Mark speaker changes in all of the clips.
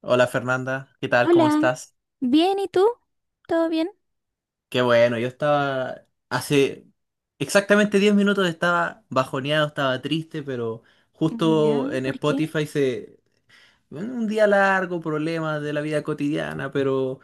Speaker 1: Hola Fernanda, ¿qué tal? ¿Cómo
Speaker 2: Hola,
Speaker 1: estás?
Speaker 2: bien, ¿y tú? ¿Todo bien?
Speaker 1: Qué bueno, yo estaba hace exactamente 10 minutos estaba bajoneado, estaba triste, pero justo
Speaker 2: Ya,
Speaker 1: en
Speaker 2: ¿por qué?
Speaker 1: Spotify. Un día largo, problemas de la vida cotidiana, pero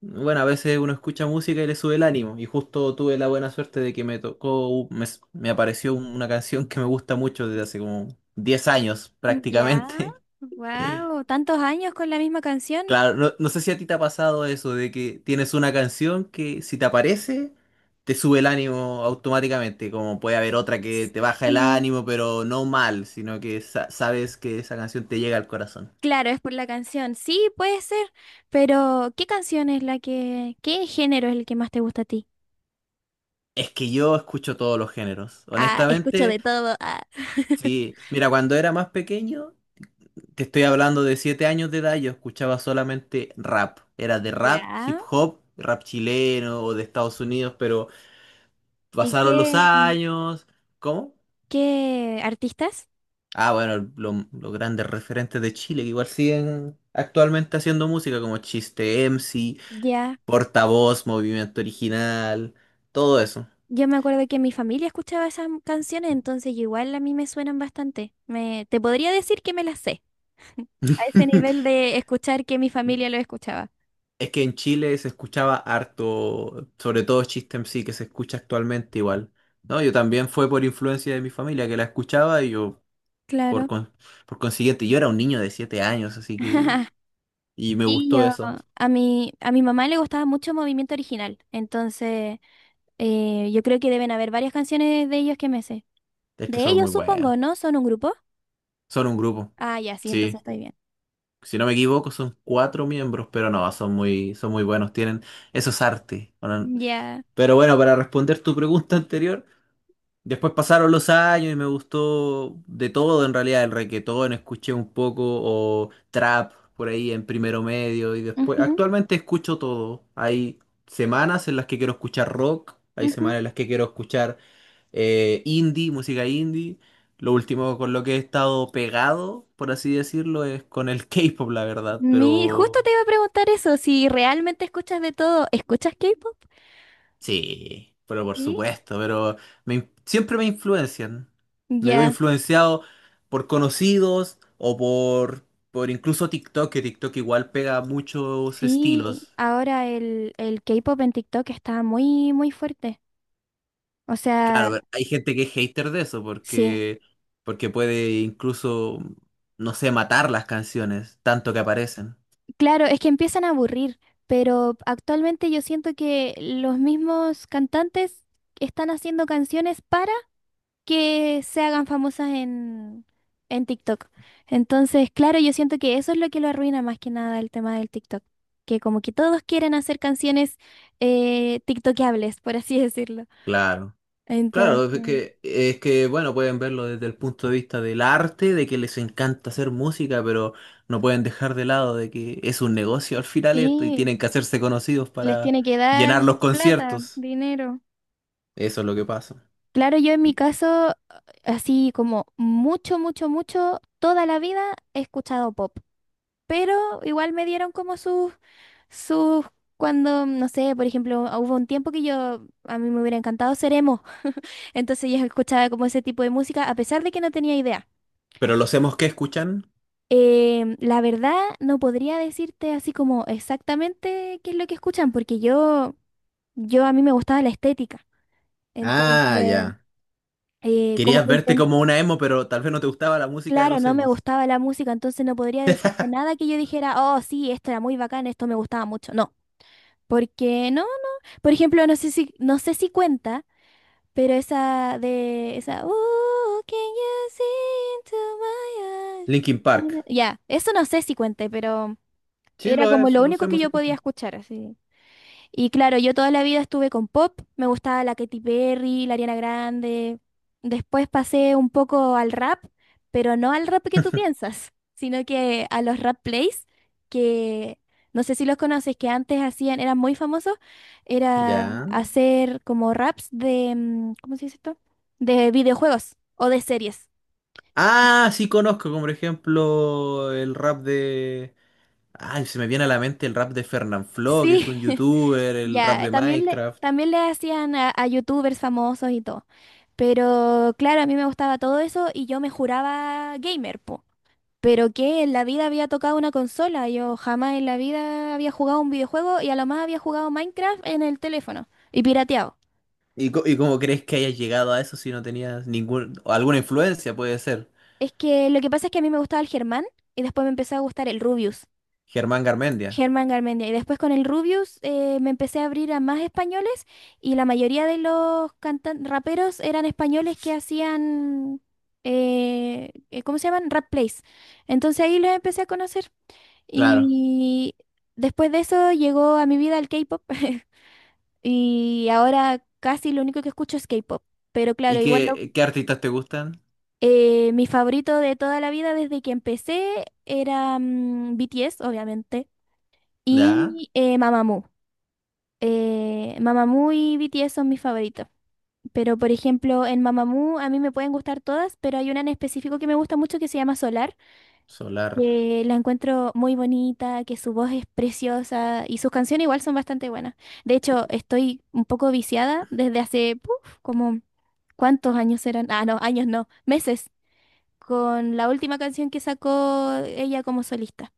Speaker 1: bueno, a veces uno escucha música y le sube el ánimo. Y justo tuve la buena suerte de que me tocó, me apareció una canción que me gusta mucho desde hace como 10 años
Speaker 2: Ya,
Speaker 1: prácticamente.
Speaker 2: wow, tantos años con la misma canción.
Speaker 1: Claro, no, no sé si a ti te ha pasado eso de que tienes una canción que si te aparece te sube el ánimo automáticamente, como puede haber otra que te baja el
Speaker 2: Sí.
Speaker 1: ánimo, pero no mal, sino que sabes que esa canción te llega al corazón.
Speaker 2: Claro, es por la canción. Sí, puede ser, pero ¿qué canción es la que, qué género es el que más te gusta a ti?
Speaker 1: Es que yo escucho todos los géneros,
Speaker 2: Ah, escucho
Speaker 1: honestamente,
Speaker 2: de todo. Ah.
Speaker 1: sí. Mira, cuando era más pequeño, te estoy hablando de 7 años de edad, yo escuchaba solamente rap. Era de rap, hip
Speaker 2: Ya.
Speaker 1: hop, rap chileno o de Estados Unidos, pero
Speaker 2: ¿Y
Speaker 1: pasaron los
Speaker 2: qué,
Speaker 1: años. ¿Cómo?
Speaker 2: qué artistas?
Speaker 1: Ah, bueno, los grandes referentes de Chile que igual siguen actualmente haciendo música como Chiste MC,
Speaker 2: Ya,
Speaker 1: Portavoz, Movimiento Original, todo eso.
Speaker 2: yo me acuerdo que mi familia escuchaba esas canciones, entonces igual a mí me suenan bastante. Me, te podría decir que me las sé. A ese nivel de escuchar que mi familia lo escuchaba.
Speaker 1: Es que en Chile se escuchaba harto, sobre todo Chiste MC que se escucha actualmente igual. No, yo también fue por influencia de mi familia que la escuchaba y yo por,
Speaker 2: Claro.
Speaker 1: con- por consiguiente, yo era un niño de 7 años, así que y me
Speaker 2: Y
Speaker 1: gustó
Speaker 2: yo,
Speaker 1: eso.
Speaker 2: a mi mamá le gustaba mucho Movimiento Original, entonces yo creo que deben haber varias canciones de ellos que me sé.
Speaker 1: Es que
Speaker 2: De
Speaker 1: son muy
Speaker 2: ellos
Speaker 1: buenos.
Speaker 2: supongo, ¿no? ¿Son un grupo?
Speaker 1: Son un grupo.
Speaker 2: Ah, ya, sí, entonces
Speaker 1: Sí.
Speaker 2: estoy bien.
Speaker 1: Si no me equivoco, son cuatro miembros, pero no, son muy buenos, tienen esos artes, ¿no?
Speaker 2: Ya.
Speaker 1: Pero bueno, para responder tu pregunta anterior, después pasaron los años y me gustó de todo en realidad, el reguetón, escuché un poco, o trap por ahí en primero medio, y
Speaker 2: Ujú,
Speaker 1: después,
Speaker 2: ujú.
Speaker 1: actualmente escucho todo. Hay semanas en las que quiero escuchar rock, hay semanas en las que quiero escuchar indie, música indie. Lo último con lo que he estado pegado, por así decirlo, es con el K-pop, la verdad.
Speaker 2: Mi, justo
Speaker 1: Pero
Speaker 2: te iba a preguntar eso, si realmente escuchas de todo, ¿escuchas K-pop?
Speaker 1: sí, pero por
Speaker 2: Sí.
Speaker 1: supuesto, pero siempre me influencian. Me veo
Speaker 2: Ya.
Speaker 1: influenciado por conocidos o por incluso TikTok, que TikTok igual pega muchos
Speaker 2: Sí,
Speaker 1: estilos.
Speaker 2: ahora el K-pop en TikTok está muy, muy fuerte. O
Speaker 1: Claro,
Speaker 2: sea...
Speaker 1: pero hay gente que es hater de eso
Speaker 2: Sí,
Speaker 1: porque puede incluso, no sé, matar las canciones, tanto que aparecen.
Speaker 2: claro, es que empiezan a aburrir, pero actualmente yo siento que los mismos cantantes están haciendo canciones para que se hagan famosas en TikTok. Entonces, claro, yo siento que eso es lo que lo arruina más que nada el tema del TikTok, que como que todos quieren hacer canciones TikTokables, por así decirlo.
Speaker 1: Claro. Claro, es
Speaker 2: Entonces,
Speaker 1: que, es que, bueno, pueden verlo desde el punto de vista del arte, de que les encanta hacer música, pero no pueden dejar de lado de que es un negocio al final esto y
Speaker 2: sí,
Speaker 1: tienen que hacerse conocidos
Speaker 2: les
Speaker 1: para
Speaker 2: tiene que dar
Speaker 1: llenar los
Speaker 2: plata,
Speaker 1: conciertos.
Speaker 2: dinero.
Speaker 1: Eso es lo que pasa.
Speaker 2: Claro, yo en mi
Speaker 1: Y-
Speaker 2: caso, así como mucho, mucho, mucho, toda la vida he escuchado pop, pero igual me dieron como sus, sus, cuando, no sé, por ejemplo, hubo un tiempo que yo, a mí me hubiera encantado ser emo, entonces yo escuchaba como ese tipo de música, a pesar de que no tenía idea.
Speaker 1: pero los emos que escuchan,
Speaker 2: La verdad, no podría decirte así como exactamente qué es lo que escuchan, porque yo a mí me gustaba la estética,
Speaker 1: ah,
Speaker 2: entonces,
Speaker 1: ya.
Speaker 2: como
Speaker 1: Querías
Speaker 2: que
Speaker 1: verte
Speaker 2: intento.
Speaker 1: como una emo, pero tal vez no te gustaba la música de
Speaker 2: Claro,
Speaker 1: los
Speaker 2: no me
Speaker 1: emos.
Speaker 2: gustaba la música, entonces no podría decirte nada que yo dijera, oh, sí, esto era muy bacán, esto me gustaba mucho. No, porque no, no. Por ejemplo, no sé si, no sé si cuenta, pero esa de, esa, "Ooh, can you see into my eyes?"
Speaker 1: Linkin Park.
Speaker 2: Ya, eso no sé si cuente, pero
Speaker 1: Sí,
Speaker 2: era
Speaker 1: lo
Speaker 2: como
Speaker 1: es,
Speaker 2: lo
Speaker 1: los
Speaker 2: único que
Speaker 1: emos
Speaker 2: yo podía
Speaker 1: escuchan.
Speaker 2: escuchar, así. Y claro, yo toda la vida estuve con pop, me gustaba la Katy Perry, la Ariana Grande. Después pasé un poco al rap, pero no al rap que tú piensas, sino que a los rap plays, que no sé si los conoces, que antes hacían, eran muy famosos, era
Speaker 1: Ya.
Speaker 2: hacer como raps de, ¿cómo se dice esto? De videojuegos o de series.
Speaker 1: Ah, sí conozco, como por ejemplo, el rap de ay, se me viene a la mente el rap de Fernanfloo, que es
Speaker 2: Sí,
Speaker 1: un youtuber, el rap
Speaker 2: ya,
Speaker 1: de Minecraft.
Speaker 2: también le hacían a youtubers famosos y todo. Pero claro, a mí me gustaba todo eso y yo me juraba gamer, po. Pero que en la vida había tocado una consola, yo jamás en la vida había jugado un videojuego y a lo más había jugado Minecraft en el teléfono y pirateado.
Speaker 1: ¿Y cómo crees que hayas llegado a eso si no tenías ningún, o alguna influencia, puede ser?
Speaker 2: Es que lo que pasa es que a mí me gustaba el Germán y después me empezó a gustar el Rubius,
Speaker 1: Germán Garmendia,
Speaker 2: Germán Garmendia. Y después con el Rubius me empecé a abrir a más españoles y la mayoría de los cantan raperos eran españoles que hacían, ¿cómo se llaman? Rap plays. Entonces ahí los empecé a conocer.
Speaker 1: claro.
Speaker 2: Y después de eso llegó a mi vida el K-pop y ahora casi lo único que escucho es K-pop. Pero claro,
Speaker 1: ¿Y
Speaker 2: igual lo-
Speaker 1: qué artistas te gustan?
Speaker 2: mi favorito de toda la vida desde que empecé era BTS, obviamente,
Speaker 1: Ya,
Speaker 2: y Mamamoo. Mamamoo y BTS son mis favoritos. Pero por ejemplo, en Mamamoo a mí me pueden gustar todas, pero hay una en específico que me gusta mucho que se llama Solar,
Speaker 1: Solar.
Speaker 2: que la encuentro muy bonita, que su voz es preciosa y sus canciones igual son bastante buenas. De hecho, estoy un poco viciada desde hace, puf, como, ¿cuántos años eran? Ah, no, años no, meses, con la última canción que sacó ella como solista,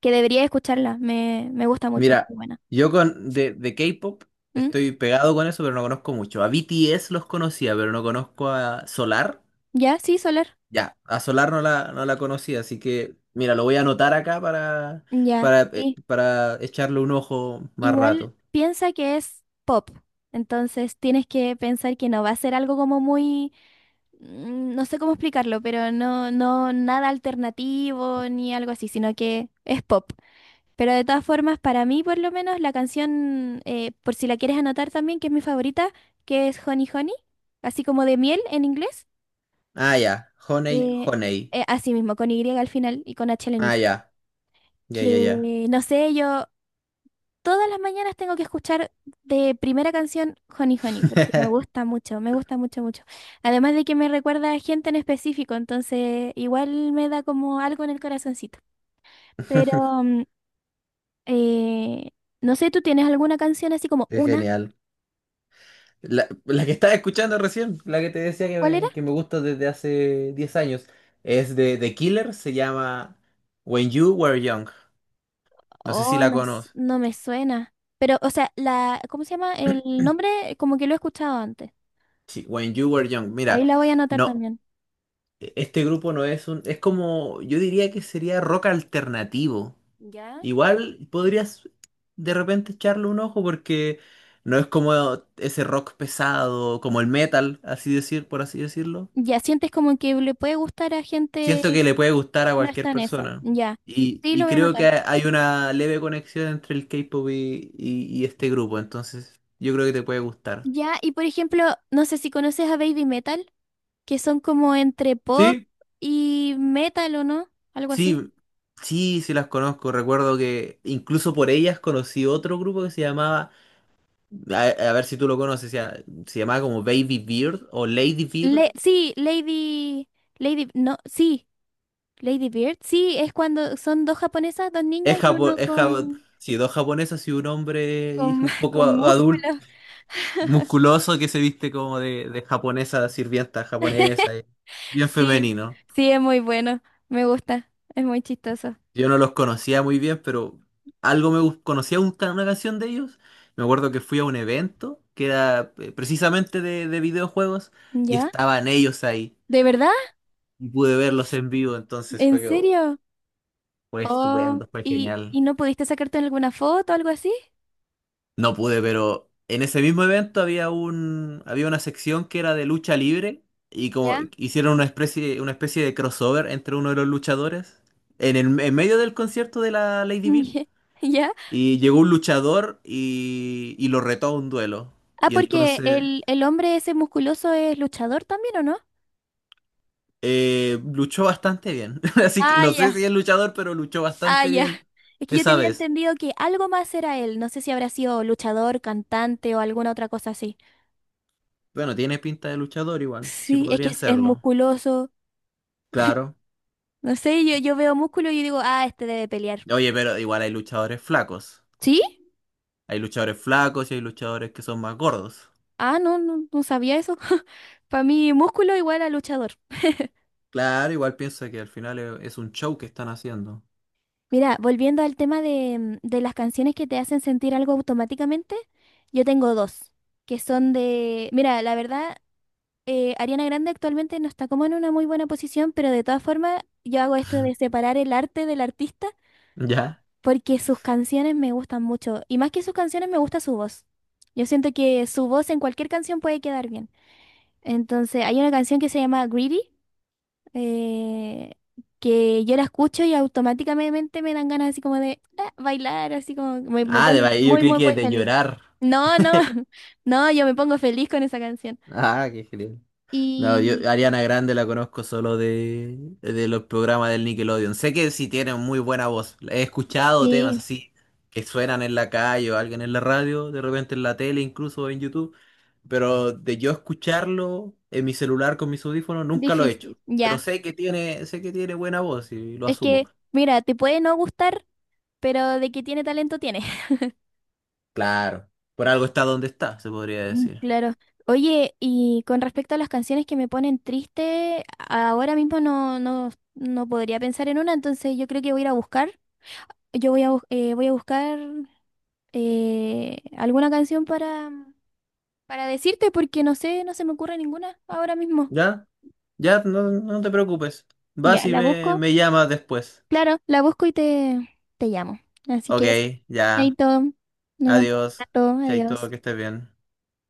Speaker 2: que debería escucharla, me gusta mucho,
Speaker 1: Mira,
Speaker 2: muy buena.
Speaker 1: yo con de K-pop
Speaker 2: ¿Mm?
Speaker 1: estoy pegado con eso, pero no conozco mucho. A BTS los conocía, pero no conozco a Solar.
Speaker 2: ¿Ya? Sí, Soler.
Speaker 1: Ya, a Solar no la conocía, así que mira, lo voy a anotar acá para,
Speaker 2: Ya.
Speaker 1: para, eh,
Speaker 2: Sí.
Speaker 1: para echarle un ojo más
Speaker 2: Igual
Speaker 1: rato.
Speaker 2: piensa que es pop, entonces tienes que pensar que no va a ser algo como muy... no sé cómo explicarlo, pero no, no nada alternativo ni algo así, sino que es pop. Pero de todas formas, para mí por lo menos la canción, por si la quieres anotar también, que es mi favorita, que es Honey Honey, así como de miel en inglés,
Speaker 1: Ah, ya, Honey,
Speaker 2: eh,
Speaker 1: Honey.
Speaker 2: así mismo, con Y al final y con H al
Speaker 1: Ah,
Speaker 2: inicio.
Speaker 1: ya, ya,
Speaker 2: Que
Speaker 1: ya, ya.
Speaker 2: no sé, yo todas las mañanas tengo que escuchar de primera canción Honey Honey, porque me gusta mucho, mucho. Además de que me recuerda a gente en específico, entonces igual me da como algo en el corazoncito. Pero mm, eh, no sé, ¿tú tienes alguna canción así como
Speaker 1: Es
Speaker 2: una?
Speaker 1: genial. La que estaba escuchando recién, la que te decía que
Speaker 2: ¿Cuál era?
Speaker 1: me, que me gusta desde hace 10 años, es de The Killer, se llama When You Were Young. No sé si
Speaker 2: Oh,
Speaker 1: la
Speaker 2: no, s-
Speaker 1: conoces.
Speaker 2: no me suena. Pero, o sea, la, ¿cómo se llama? El nombre como que lo he escuchado antes.
Speaker 1: Sí, When You Were Young.
Speaker 2: Ahí
Speaker 1: Mira,
Speaker 2: la voy a anotar
Speaker 1: no.
Speaker 2: también.
Speaker 1: Este grupo no es como, yo diría que sería rock alternativo.
Speaker 2: ¿Ya?
Speaker 1: Igual podrías de repente echarle un ojo porque no es como ese rock pesado, como el metal, así decir, por así decirlo.
Speaker 2: Ya sientes como que le puede gustar a gente
Speaker 1: Siento
Speaker 2: que
Speaker 1: que le puede gustar a
Speaker 2: no
Speaker 1: cualquier
Speaker 2: está en eso.
Speaker 1: persona.
Speaker 2: Ya.
Speaker 1: Y,
Speaker 2: Sí, lo
Speaker 1: y
Speaker 2: voy a
Speaker 1: creo que
Speaker 2: anotar.
Speaker 1: hay una leve conexión entre el K-pop y este grupo, entonces yo creo que te puede gustar.
Speaker 2: Ya, y por ejemplo, no sé si conoces a Baby Metal, que son como entre pop
Speaker 1: Sí,
Speaker 2: y metal, ¿o no? Algo así.
Speaker 1: sí, sí, sí las conozco. Recuerdo que incluso por ellas conocí otro grupo que se llamaba A, a ver si tú lo conoces, ya, se llamaba como Baby Beard o Lady Beard.
Speaker 2: Le- sí, Lady, Lady, no, sí, Lady Bird. Sí, es cuando son dos japonesas, dos
Speaker 1: Es
Speaker 2: niñas y
Speaker 1: japo-
Speaker 2: uno
Speaker 1: es japo- sí, dos japonesas y un hombre y
Speaker 2: con,
Speaker 1: un poco
Speaker 2: con
Speaker 1: adulto,
Speaker 2: músculos.
Speaker 1: musculoso, que se viste como de japonesa, sirvienta japonesa, y bien
Speaker 2: Sí,
Speaker 1: femenino.
Speaker 2: sí, es muy bueno, me gusta, es muy chistoso.
Speaker 1: Yo no los conocía muy bien, pero algo conocía una canción de ellos. Me acuerdo que fui a un evento que era precisamente de videojuegos y
Speaker 2: ¿Ya?
Speaker 1: estaban ellos ahí
Speaker 2: ¿De verdad?
Speaker 1: y pude verlos en vivo, entonces
Speaker 2: ¿En
Speaker 1: oh,
Speaker 2: serio?
Speaker 1: fue
Speaker 2: Oh,
Speaker 1: estupendo, fue genial.
Speaker 2: y no pudiste sacarte alguna foto o algo así?
Speaker 1: No pude, pero en ese mismo evento había una sección que era de lucha libre y como
Speaker 2: ¿Ya?
Speaker 1: hicieron una especie de crossover entre uno de los luchadores en medio del concierto de la Lady Bird
Speaker 2: ¿Ya?
Speaker 1: y llegó un luchador y lo retó a un duelo
Speaker 2: Ah,
Speaker 1: y
Speaker 2: porque
Speaker 1: entonces
Speaker 2: el hombre ese musculoso es luchador también, ¿o no?
Speaker 1: luchó bastante bien. Así que
Speaker 2: Ah,
Speaker 1: no sé
Speaker 2: ya,
Speaker 1: si es luchador, pero luchó
Speaker 2: ah,
Speaker 1: bastante
Speaker 2: ya.
Speaker 1: bien
Speaker 2: Es que yo
Speaker 1: esa
Speaker 2: tenía
Speaker 1: vez.
Speaker 2: entendido que algo más era él. No sé si habrá sido luchador, cantante o alguna otra cosa así.
Speaker 1: Bueno, tiene pinta de luchador igual, sí
Speaker 2: Sí, es que
Speaker 1: podría
Speaker 2: es
Speaker 1: hacerlo.
Speaker 2: musculoso.
Speaker 1: Claro.
Speaker 2: No sé, yo veo músculo y digo, ah, este debe pelear.
Speaker 1: Oye, pero igual hay luchadores flacos.
Speaker 2: ¿Sí?
Speaker 1: Hay luchadores flacos y hay luchadores que son más gordos.
Speaker 2: Ah, no, no, no sabía eso. Para mí, músculo igual a luchador.
Speaker 1: Claro, igual piensa que al final es un show que están haciendo.
Speaker 2: Mira, volviendo al tema de, de las canciones que te hacen sentir algo automáticamente, yo tengo dos, que son de... Mira, la verdad... Ariana Grande actualmente no está como en una muy buena posición, pero de todas formas yo hago esto de separar el arte del artista
Speaker 1: ¿Ya?
Speaker 2: porque sus canciones me gustan mucho y más que sus canciones me gusta su voz. Yo siento que su voz en cualquier canción puede quedar bien. Entonces hay una canción que se llama Greedy eh, que yo la escucho y automáticamente me dan ganas así como de ah, bailar, así como me
Speaker 1: Ah, de
Speaker 2: pone
Speaker 1: baile, yo
Speaker 2: muy,
Speaker 1: creí
Speaker 2: muy, muy
Speaker 1: que de
Speaker 2: feliz.
Speaker 1: llorar.
Speaker 2: No, no, no, yo me pongo feliz con esa canción.
Speaker 1: Ah, qué genial. No, yo
Speaker 2: Y
Speaker 1: Ariana Grande la conozco solo de los programas del Nickelodeon. Sé que sí tiene muy buena voz. He escuchado temas
Speaker 2: sí.
Speaker 1: así que suenan en la calle o alguien en la radio, de repente en la tele, incluso en YouTube. Pero de yo escucharlo en mi celular con mis audífonos, nunca lo he hecho.
Speaker 2: Difícil,
Speaker 1: Pero
Speaker 2: ya.
Speaker 1: sé que tiene buena voz y lo
Speaker 2: Es
Speaker 1: asumo.
Speaker 2: que, mira, te puede no gustar, pero de que tiene talento tiene.
Speaker 1: Claro, por algo está donde está, se podría decir.
Speaker 2: Claro. Oye, y con respecto a las canciones que me ponen triste, ahora mismo no, no, no podría pensar en una, entonces yo creo que voy a ir a buscar. Yo voy a, bus- voy a buscar alguna canción para decirte, porque no sé, no se me ocurre ninguna ahora mismo.
Speaker 1: ¿Ya? Ya, no, no te preocupes.
Speaker 2: Ya,
Speaker 1: Vas y
Speaker 2: la
Speaker 1: me,
Speaker 2: busco.
Speaker 1: me llamas después.
Speaker 2: Claro, la busco y te llamo. Así
Speaker 1: Ok,
Speaker 2: que eso.
Speaker 1: ya.
Speaker 2: Chaito, nos vemos
Speaker 1: Adiós.
Speaker 2: pronto. Adiós.
Speaker 1: Chaito, que estés bien.